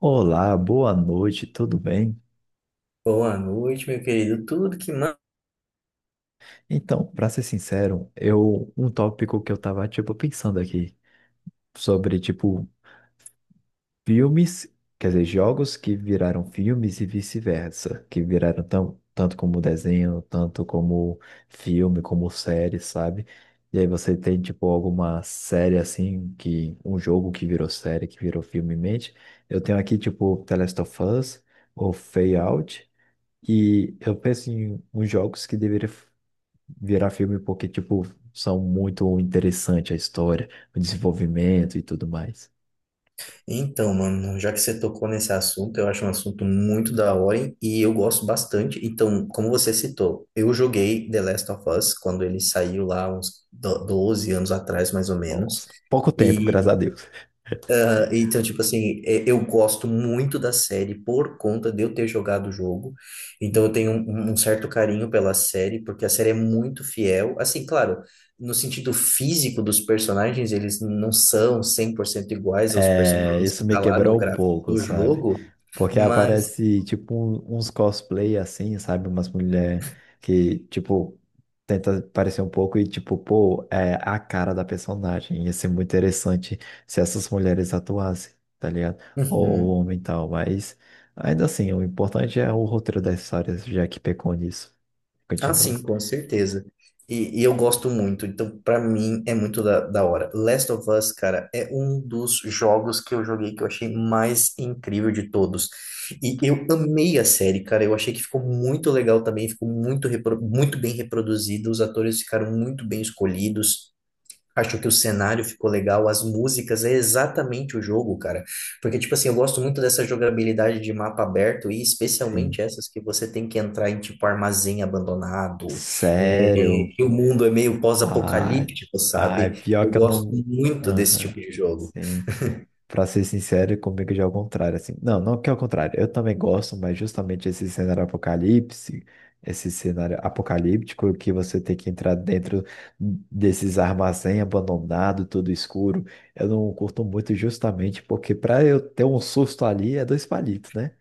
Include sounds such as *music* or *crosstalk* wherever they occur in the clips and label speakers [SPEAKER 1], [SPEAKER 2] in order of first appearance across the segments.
[SPEAKER 1] Olá, boa noite, tudo bem?
[SPEAKER 2] Boa noite, meu querido. Tudo que manda.
[SPEAKER 1] Então, pra ser sincero, eu um tópico que eu tava pensando aqui sobre filmes, quer dizer, jogos que viraram filmes e vice-versa, que viraram tão, tanto como desenho, tanto como filme, como série, sabe? E aí você tem tipo alguma série assim que um jogo que virou série, que virou filme em mente. Eu tenho aqui tipo The Last of Us ou Fallout. E eu penso em uns jogos que deveriam virar filme porque, tipo, são muito interessante a história, o desenvolvimento e tudo mais.
[SPEAKER 2] Então, mano, já que você tocou nesse assunto, eu acho um assunto muito da hora hein, e eu gosto bastante. Então, como você citou, eu joguei The Last of Us quando ele saiu lá uns 12 anos atrás, mais ou menos.
[SPEAKER 1] Nossa, pouco tempo, graças a Deus.
[SPEAKER 2] Então, tipo assim, eu gosto muito da série por conta de eu ter jogado o jogo. Então, eu tenho um certo carinho pela série, porque a série é muito fiel. Assim, claro, no sentido físico dos personagens, eles não são 100% iguais aos
[SPEAKER 1] É,
[SPEAKER 2] personagens
[SPEAKER 1] isso
[SPEAKER 2] que
[SPEAKER 1] me
[SPEAKER 2] tá lá no
[SPEAKER 1] quebrou um
[SPEAKER 2] gráfico
[SPEAKER 1] pouco,
[SPEAKER 2] do
[SPEAKER 1] sabe?
[SPEAKER 2] jogo,
[SPEAKER 1] Porque
[SPEAKER 2] mas.
[SPEAKER 1] aparece, tipo, uns cosplay assim, sabe? Umas mulheres que, tipo, tenta parecer um pouco e, tipo, pô, é a cara da personagem. Ia ser muito interessante se essas mulheres atuassem, tá ligado? Ou
[SPEAKER 2] Uhum.
[SPEAKER 1] o homem e tal, mas ainda assim, o importante é o roteiro das histórias, já que pecou nisso.
[SPEAKER 2] Ah,
[SPEAKER 1] Continua.
[SPEAKER 2] sim, com certeza. E eu gosto muito, então pra mim é muito da hora. Last of Us, cara, é um dos jogos que eu joguei que eu achei mais incrível de todos. E eu amei a série, cara. Eu achei que ficou muito legal também, ficou muito, muito bem reproduzido, os atores ficaram muito bem escolhidos. Acho que o cenário ficou legal, as músicas, é exatamente o jogo, cara. Porque, tipo assim, eu gosto muito dessa jogabilidade de mapa aberto e especialmente
[SPEAKER 1] Sim.
[SPEAKER 2] essas que você tem que entrar em, tipo, armazém abandonado, é,
[SPEAKER 1] Sério?
[SPEAKER 2] que o mundo é meio
[SPEAKER 1] Ai,
[SPEAKER 2] pós-apocalíptico,
[SPEAKER 1] ai,
[SPEAKER 2] sabe?
[SPEAKER 1] pior
[SPEAKER 2] Eu
[SPEAKER 1] que eu
[SPEAKER 2] gosto
[SPEAKER 1] não.
[SPEAKER 2] muito desse tipo
[SPEAKER 1] Aham.
[SPEAKER 2] de jogo.
[SPEAKER 1] Sim. Pra ser sincero, comigo já é o contrário, assim. Não, não que é o contrário. Eu também gosto, mas justamente esse cenário apocalipse, esse cenário apocalíptico que você tem que entrar dentro desses armazém abandonado, tudo escuro, eu não curto muito justamente porque pra eu ter um susto ali é dois palitos, né?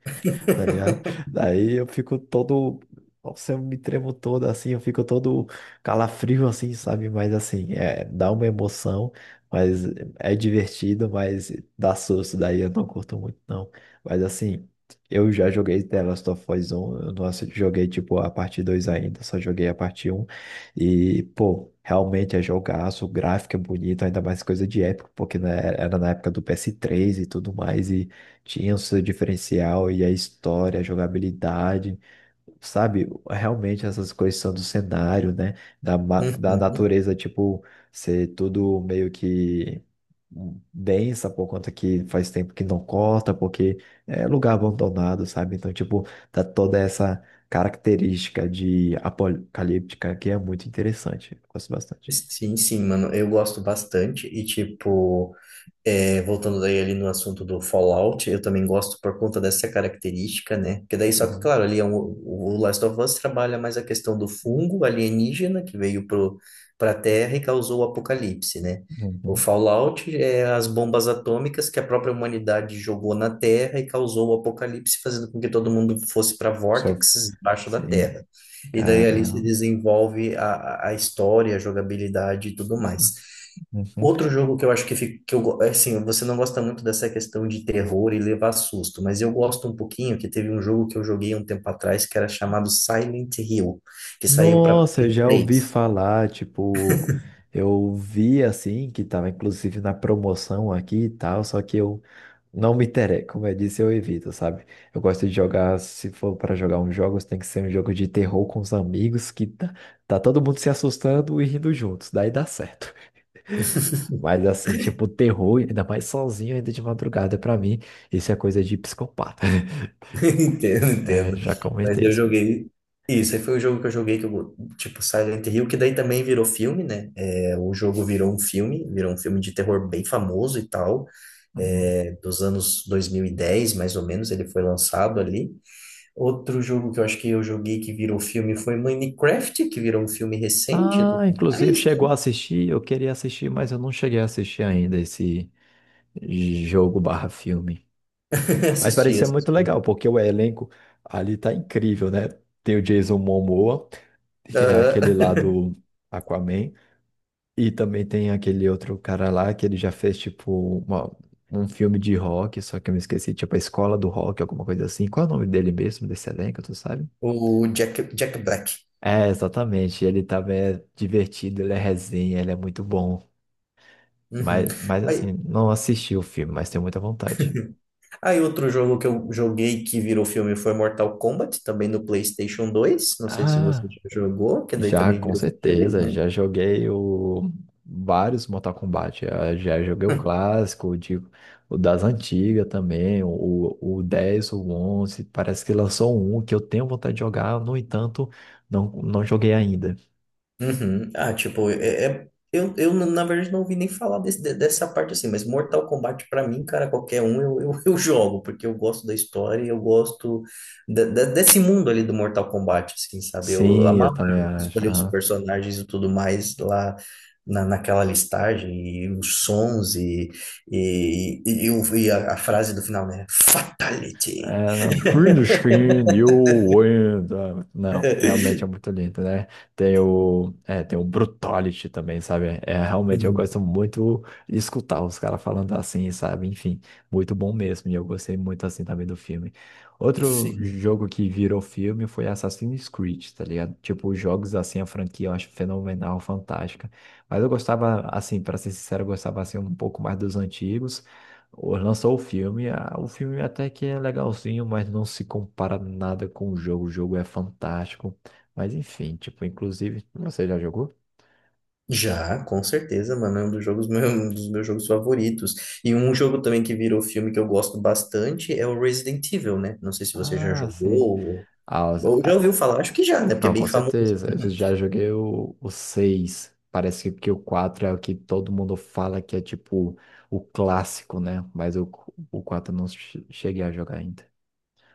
[SPEAKER 1] Tá ligado?
[SPEAKER 2] *laughs*
[SPEAKER 1] Daí eu fico todo. Nossa, eu me tremo todo assim, eu fico todo calafrio assim, sabe? Mas assim, é, dá uma emoção, mas é divertido, mas dá susto, daí eu não curto muito, não. Mas assim, eu já joguei The Last of Us 1, eu não assi- joguei tipo a parte 2 ainda, só joguei a parte um. E, pô, realmente é jogaço, o gráfico é bonito, ainda mais coisa de época, porque né, era na época do PS3 e tudo mais. E tinha o seu diferencial e a história, a jogabilidade, sabe? Realmente essas coisas são do cenário, né? Da
[SPEAKER 2] Uhum.
[SPEAKER 1] natureza, tipo, ser tudo meio que densa por conta que faz tempo que não corta, porque é lugar abandonado, sabe? Então, tipo, dá toda essa característica de apocalíptica que é muito interessante. Eu gosto bastante.
[SPEAKER 2] Sim, sim, mano, eu gosto bastante. E, tipo. É, voltando daí ali no assunto do Fallout, eu também gosto por conta dessa característica, né? Porque daí, só que,
[SPEAKER 1] Uhum.
[SPEAKER 2] claro, ali é um, o Last of Us trabalha mais a questão do fungo alienígena que veio pra Terra e causou o apocalipse, né? O
[SPEAKER 1] Uhum.
[SPEAKER 2] Fallout é as bombas atômicas que a própria humanidade jogou na Terra e causou o apocalipse, fazendo com que todo mundo fosse para
[SPEAKER 1] Só.
[SPEAKER 2] vórtices embaixo da
[SPEAKER 1] Sim,
[SPEAKER 2] Terra. E daí ali se
[SPEAKER 1] cara.
[SPEAKER 2] desenvolve a história, a jogabilidade e tudo mais.
[SPEAKER 1] Uhum.
[SPEAKER 2] Outro jogo que eu acho que, fica, é assim, você não gosta muito dessa questão de terror e levar susto, mas eu gosto um pouquinho que teve um jogo que eu joguei há um tempo atrás que era chamado Silent Hill, que saiu para
[SPEAKER 1] Nossa, eu
[SPEAKER 2] Play
[SPEAKER 1] já ouvi
[SPEAKER 2] 3.
[SPEAKER 1] falar, tipo, eu vi assim, que tava inclusive na promoção aqui e tal, só que eu não me interesso, como eu disse, eu evito, sabe? Eu gosto de jogar, se for para jogar uns jogos, tem que ser um jogo de terror com os amigos, que tá todo mundo se assustando e rindo juntos, daí dá certo. *laughs* Mas assim, tipo, terror, ainda mais sozinho, ainda de madrugada, pra mim, isso é coisa de psicopata. *laughs*
[SPEAKER 2] *laughs* Entendo,
[SPEAKER 1] É,
[SPEAKER 2] entendo.
[SPEAKER 1] já
[SPEAKER 2] Mas
[SPEAKER 1] comentei
[SPEAKER 2] eu
[SPEAKER 1] isso com você.
[SPEAKER 2] joguei. Isso, aí foi o jogo que eu joguei, tipo Silent Hill, que daí também virou filme, né? É, o jogo virou um filme de terror bem famoso e tal,
[SPEAKER 1] Uhum.
[SPEAKER 2] é, dos anos 2010 mais ou menos, ele foi lançado ali. Outro jogo que eu acho que eu joguei que virou filme foi Minecraft, que virou um filme recente e
[SPEAKER 1] Ah,
[SPEAKER 2] tudo
[SPEAKER 1] inclusive
[SPEAKER 2] mais,
[SPEAKER 1] chegou
[SPEAKER 2] né?
[SPEAKER 1] a assistir, eu queria assistir, mas eu não cheguei a assistir ainda esse jogo barra filme.
[SPEAKER 2] *laughs*
[SPEAKER 1] Mas
[SPEAKER 2] Assisti,
[SPEAKER 1] parecia muito
[SPEAKER 2] assisti.
[SPEAKER 1] legal, porque o elenco ali tá incrível, né? Tem o Jason Momoa, que é aquele lá
[SPEAKER 2] Aham. *laughs*
[SPEAKER 1] do Aquaman, e também tem aquele outro cara lá que ele já fez tipo uma- um filme de rock, só que eu me esqueci, tipo a Escola do Rock, alguma coisa assim. Qual é o nome dele mesmo, desse elenco, tu sabe?
[SPEAKER 2] O Jack, Jack Black.
[SPEAKER 1] É, exatamente. Ele tava é, divertido, ele é resenha, ele é muito bom.
[SPEAKER 2] Uhum.
[SPEAKER 1] Mas
[SPEAKER 2] Aí,
[SPEAKER 1] assim, não assisti o filme, mas tenho muita vontade.
[SPEAKER 2] aí outro jogo que eu joguei que virou filme foi Mortal Kombat, também no PlayStation dois. Não sei se você
[SPEAKER 1] Ah,
[SPEAKER 2] já jogou, que daí
[SPEAKER 1] já,
[SPEAKER 2] também
[SPEAKER 1] com
[SPEAKER 2] virou filme,
[SPEAKER 1] certeza,
[SPEAKER 2] né?
[SPEAKER 1] já joguei o... vários Mortal Kombat. Já joguei o clássico, o, de... o das antigas também, o 10 o onze. Parece que lançou um que eu tenho vontade de jogar, no entanto, não joguei ainda.
[SPEAKER 2] Uhum. Ah, tipo, na verdade, não ouvi nem falar dessa parte assim, mas Mortal Kombat, pra mim, cara, qualquer um *laughs* eu jogo, porque eu gosto da história e eu gosto desse mundo ali do Mortal Kombat, assim, sabe? Eu
[SPEAKER 1] Sim, eu
[SPEAKER 2] amava
[SPEAKER 1] também acho.
[SPEAKER 2] escolher os personagens e tudo mais lá naquela listagem, e os sons, eu e a frase do final, né? Fatality!
[SPEAKER 1] É, não. Through the skin, you win. Ah, não, realmente é
[SPEAKER 2] *laughs*
[SPEAKER 1] muito lindo, né? Tem o, é, tem o Brutality também, sabe? É, realmente eu
[SPEAKER 2] Uhum.
[SPEAKER 1] gosto muito de escutar os caras falando assim, sabe? Enfim, muito bom mesmo. E eu gostei muito assim também do filme. Outro
[SPEAKER 2] Sim.
[SPEAKER 1] jogo que virou filme foi Assassin's Creed, tá ligado? Tipo, os jogos assim, a franquia eu acho fenomenal, fantástica. Mas eu gostava, assim, pra ser sincero, eu gostava assim um pouco mais dos antigos. Ou lançou o filme, ah, o filme até que é legalzinho, mas não se compara nada com o jogo. O jogo é fantástico. Mas enfim, tipo, inclusive, você já jogou?
[SPEAKER 2] Já, com certeza, mano, é um dos jogos, meu- *laughs* um dos meus jogos favoritos. E um jogo também que virou filme que eu gosto bastante é o Resident Evil, né? Não sei se você já
[SPEAKER 1] Ah,
[SPEAKER 2] jogou
[SPEAKER 1] sim. Ah, os-
[SPEAKER 2] ou já
[SPEAKER 1] ah,
[SPEAKER 2] ouviu falar, acho que já, né? Porque é
[SPEAKER 1] não,
[SPEAKER 2] bem
[SPEAKER 1] com
[SPEAKER 2] famoso.
[SPEAKER 1] certeza. Eu
[SPEAKER 2] *laughs*
[SPEAKER 1] já joguei o seis. Parece que o 4 é o que todo mundo fala que é tipo o clássico, né? Mas o 4 eu não che- cheguei a jogar ainda.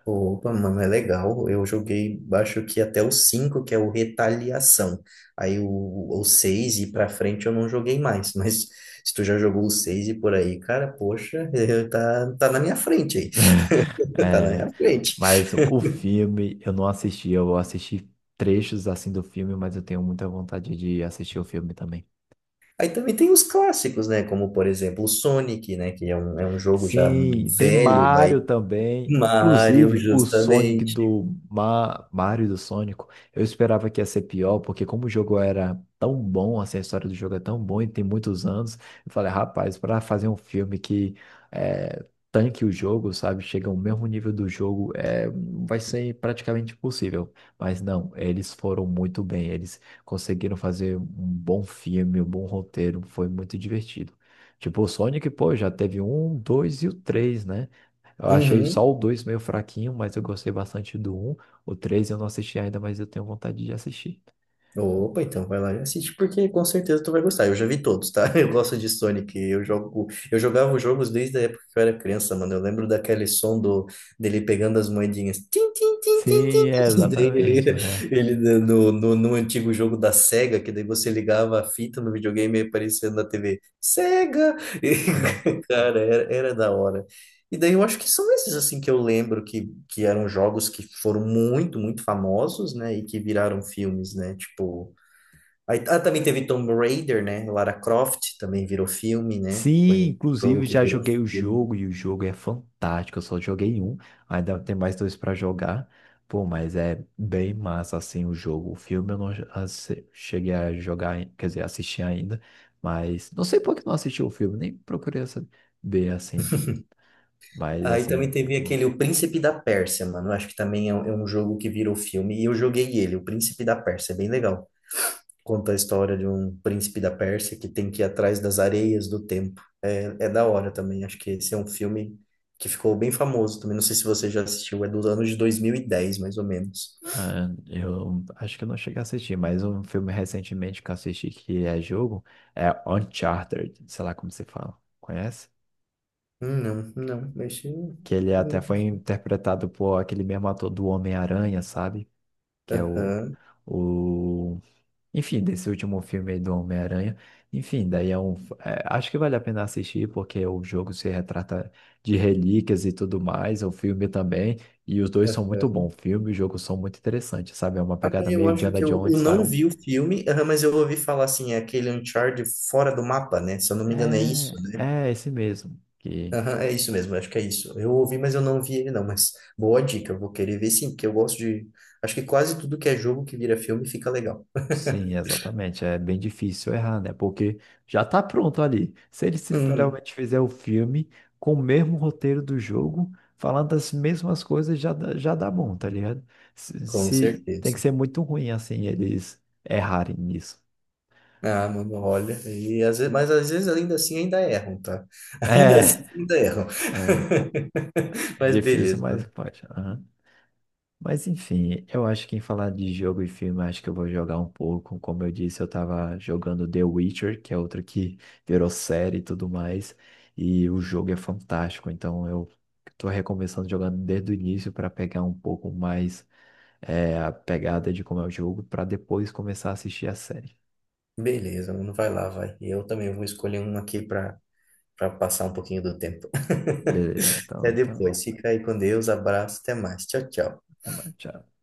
[SPEAKER 2] Opa, mano, é legal. Eu joguei, acho que até o 5, que é o Retaliação. Aí o 6 e pra frente eu não joguei mais, *laughs* mas se tu já jogou o 6 e por aí, cara, poxa, *laughs* tá na minha frente aí.
[SPEAKER 1] *laughs*
[SPEAKER 2] *laughs* Tá na
[SPEAKER 1] É,
[SPEAKER 2] minha frente.
[SPEAKER 1] mas o filme eu não assisti, eu assisti trechos assim do filme, mas eu tenho muita vontade de assistir o filme também.
[SPEAKER 2] Aí também tem os clássicos, né? Como, por exemplo, o Sonic, né? Que é um jogo já
[SPEAKER 1] Sim, tem
[SPEAKER 2] velho, aí
[SPEAKER 1] Mario também.
[SPEAKER 2] Mario,
[SPEAKER 1] Inclusive, o Sonic
[SPEAKER 2] justamente.
[SPEAKER 1] do Ma... Mario do Sonic, eu esperava que ia ser pior, porque como o jogo era tão bom, assim, a história do jogo é tão boa e tem muitos anos, eu falei, rapaz, para fazer um filme que é, tanque o jogo, sabe, chega ao mesmo nível do jogo, é, vai ser praticamente impossível. Mas não, eles foram muito bem, eles conseguiram fazer um bom filme, um bom roteiro, foi muito divertido. Tipo, o Sonic, pô, já teve um, dois e o três, né? Eu achei só
[SPEAKER 2] Uhum.
[SPEAKER 1] o dois meio fraquinho, mas eu gostei bastante do um. O três eu não assisti ainda, mas eu tenho vontade de assistir.
[SPEAKER 2] Opa, então vai lá e assiste, porque com certeza tu vai gostar. Eu já vi todos, tá? *laughs* Eu gosto de Sonic. Eu jogo, eu jogava os jogos desde a época que eu era criança, mano. Eu lembro daquele som do, dele pegando as moedinhas. Tim, tim, tim, tim, tim.
[SPEAKER 1] Sim, é,
[SPEAKER 2] *laughs* E daí
[SPEAKER 1] exatamente.
[SPEAKER 2] ele,
[SPEAKER 1] É.
[SPEAKER 2] ele no antigo jogo da Sega, que daí você ligava a fita no videogame e aparecia na TV. Sega! *laughs*
[SPEAKER 1] Hum.
[SPEAKER 2] E, cara, era, era da hora. E daí eu acho que são esses assim que eu lembro que eram jogos que foram muito, muito famosos, né? E que viraram filmes, né? Tipo, aí, ah, também teve Tomb Raider, né? Lara Croft também virou filme, né? Foi
[SPEAKER 1] Sim,
[SPEAKER 2] um jogo
[SPEAKER 1] inclusive
[SPEAKER 2] que
[SPEAKER 1] já
[SPEAKER 2] virou
[SPEAKER 1] joguei o
[SPEAKER 2] filme.
[SPEAKER 1] jogo e o jogo é fantástico. Eu só joguei um, ainda tem mais dois para jogar. Pô, mas é bem massa assim o jogo. O filme eu não assi- cheguei a jogar, quer dizer, assistir ainda, mas não sei por que não assisti o filme, nem procurei saber assim. Mas
[SPEAKER 2] Aí também
[SPEAKER 1] assim,
[SPEAKER 2] teve aquele O Príncipe da Pérsia, mano. Eu acho que também é um jogo que virou filme e eu joguei ele, O Príncipe da Pérsia, é bem legal. Conta a história de um príncipe da Pérsia que tem que ir atrás das areias do tempo. É, é da hora também. Acho que esse é um filme que ficou bem famoso também. Não sei se você já assistiu. É dos anos de 2010, mais ou menos.
[SPEAKER 1] ah, eu acho que eu não cheguei a assistir, mas um filme recentemente que eu assisti que é jogo é Uncharted, sei lá como se fala. Conhece?
[SPEAKER 2] Não, não. Esse...
[SPEAKER 1] Que ele até
[SPEAKER 2] não.
[SPEAKER 1] foi interpretado por aquele mesmo ator do Homem-Aranha, sabe? Que é o,
[SPEAKER 2] Aham.
[SPEAKER 1] o Enfim, desse último filme aí do Homem-Aranha. Enfim, daí é um. É, acho que vale a pena assistir, porque o jogo se retrata de relíquias e tudo mais, o filme também. E os dois são
[SPEAKER 2] É.
[SPEAKER 1] muito bons. O filme e o jogo são muito interessantes, sabe? É uma
[SPEAKER 2] Ah,
[SPEAKER 1] pegada
[SPEAKER 2] eu
[SPEAKER 1] meio
[SPEAKER 2] acho
[SPEAKER 1] Indiana
[SPEAKER 2] que eu
[SPEAKER 1] Jones,
[SPEAKER 2] não
[SPEAKER 1] sabe?
[SPEAKER 2] vi o filme, aham, mas eu ouvi falar assim, é aquele Uncharted fora do mapa, né? Se eu não me engano, é isso,
[SPEAKER 1] É,
[SPEAKER 2] né?
[SPEAKER 1] é esse mesmo. Que
[SPEAKER 2] Aham, é isso mesmo, acho que é isso. Eu ouvi, mas eu não vi ele não, mas boa dica, eu vou querer ver sim, porque eu gosto de... Acho que quase tudo que é jogo que vira filme fica legal.
[SPEAKER 1] sim, exatamente. É bem difícil errar, né? Porque já tá pronto ali. Se eles
[SPEAKER 2] Uhum,
[SPEAKER 1] literalmente fizer o filme com o mesmo roteiro do jogo, falando as mesmas coisas, já dá bom, tá ligado?
[SPEAKER 2] com
[SPEAKER 1] Tem que
[SPEAKER 2] certeza.
[SPEAKER 1] ser muito ruim, assim, eles errarem nisso. *laughs*
[SPEAKER 2] Ah, mano, olha, e às vezes, mas às vezes ainda assim ainda erram, tá? *laughs* Ainda
[SPEAKER 1] É,
[SPEAKER 2] assim ainda erram.
[SPEAKER 1] é
[SPEAKER 2] *laughs*
[SPEAKER 1] é
[SPEAKER 2] Mas
[SPEAKER 1] difícil,
[SPEAKER 2] beleza,
[SPEAKER 1] mas
[SPEAKER 2] mano.
[SPEAKER 1] pode. Mas enfim, eu acho que em falar de jogo e filme, acho que eu vou jogar um pouco. Como eu disse, eu tava jogando The Witcher, que é outro que *laughs* virou série e tudo mais. E o jogo é fantástico, então eu tô recomeçando jogando desde o início para pegar um pouco mais é, a pegada de como é o jogo, para depois começar a assistir a série.
[SPEAKER 2] Beleza, mano, vai lá, vai. E eu também vou escolher um aqui para passar um pouquinho do tempo. *laughs*
[SPEAKER 1] Beleza,
[SPEAKER 2] Até depois, fica aí com Deus, abraço, até mais. Tchau, tchau.
[SPEAKER 1] até mais, tchau.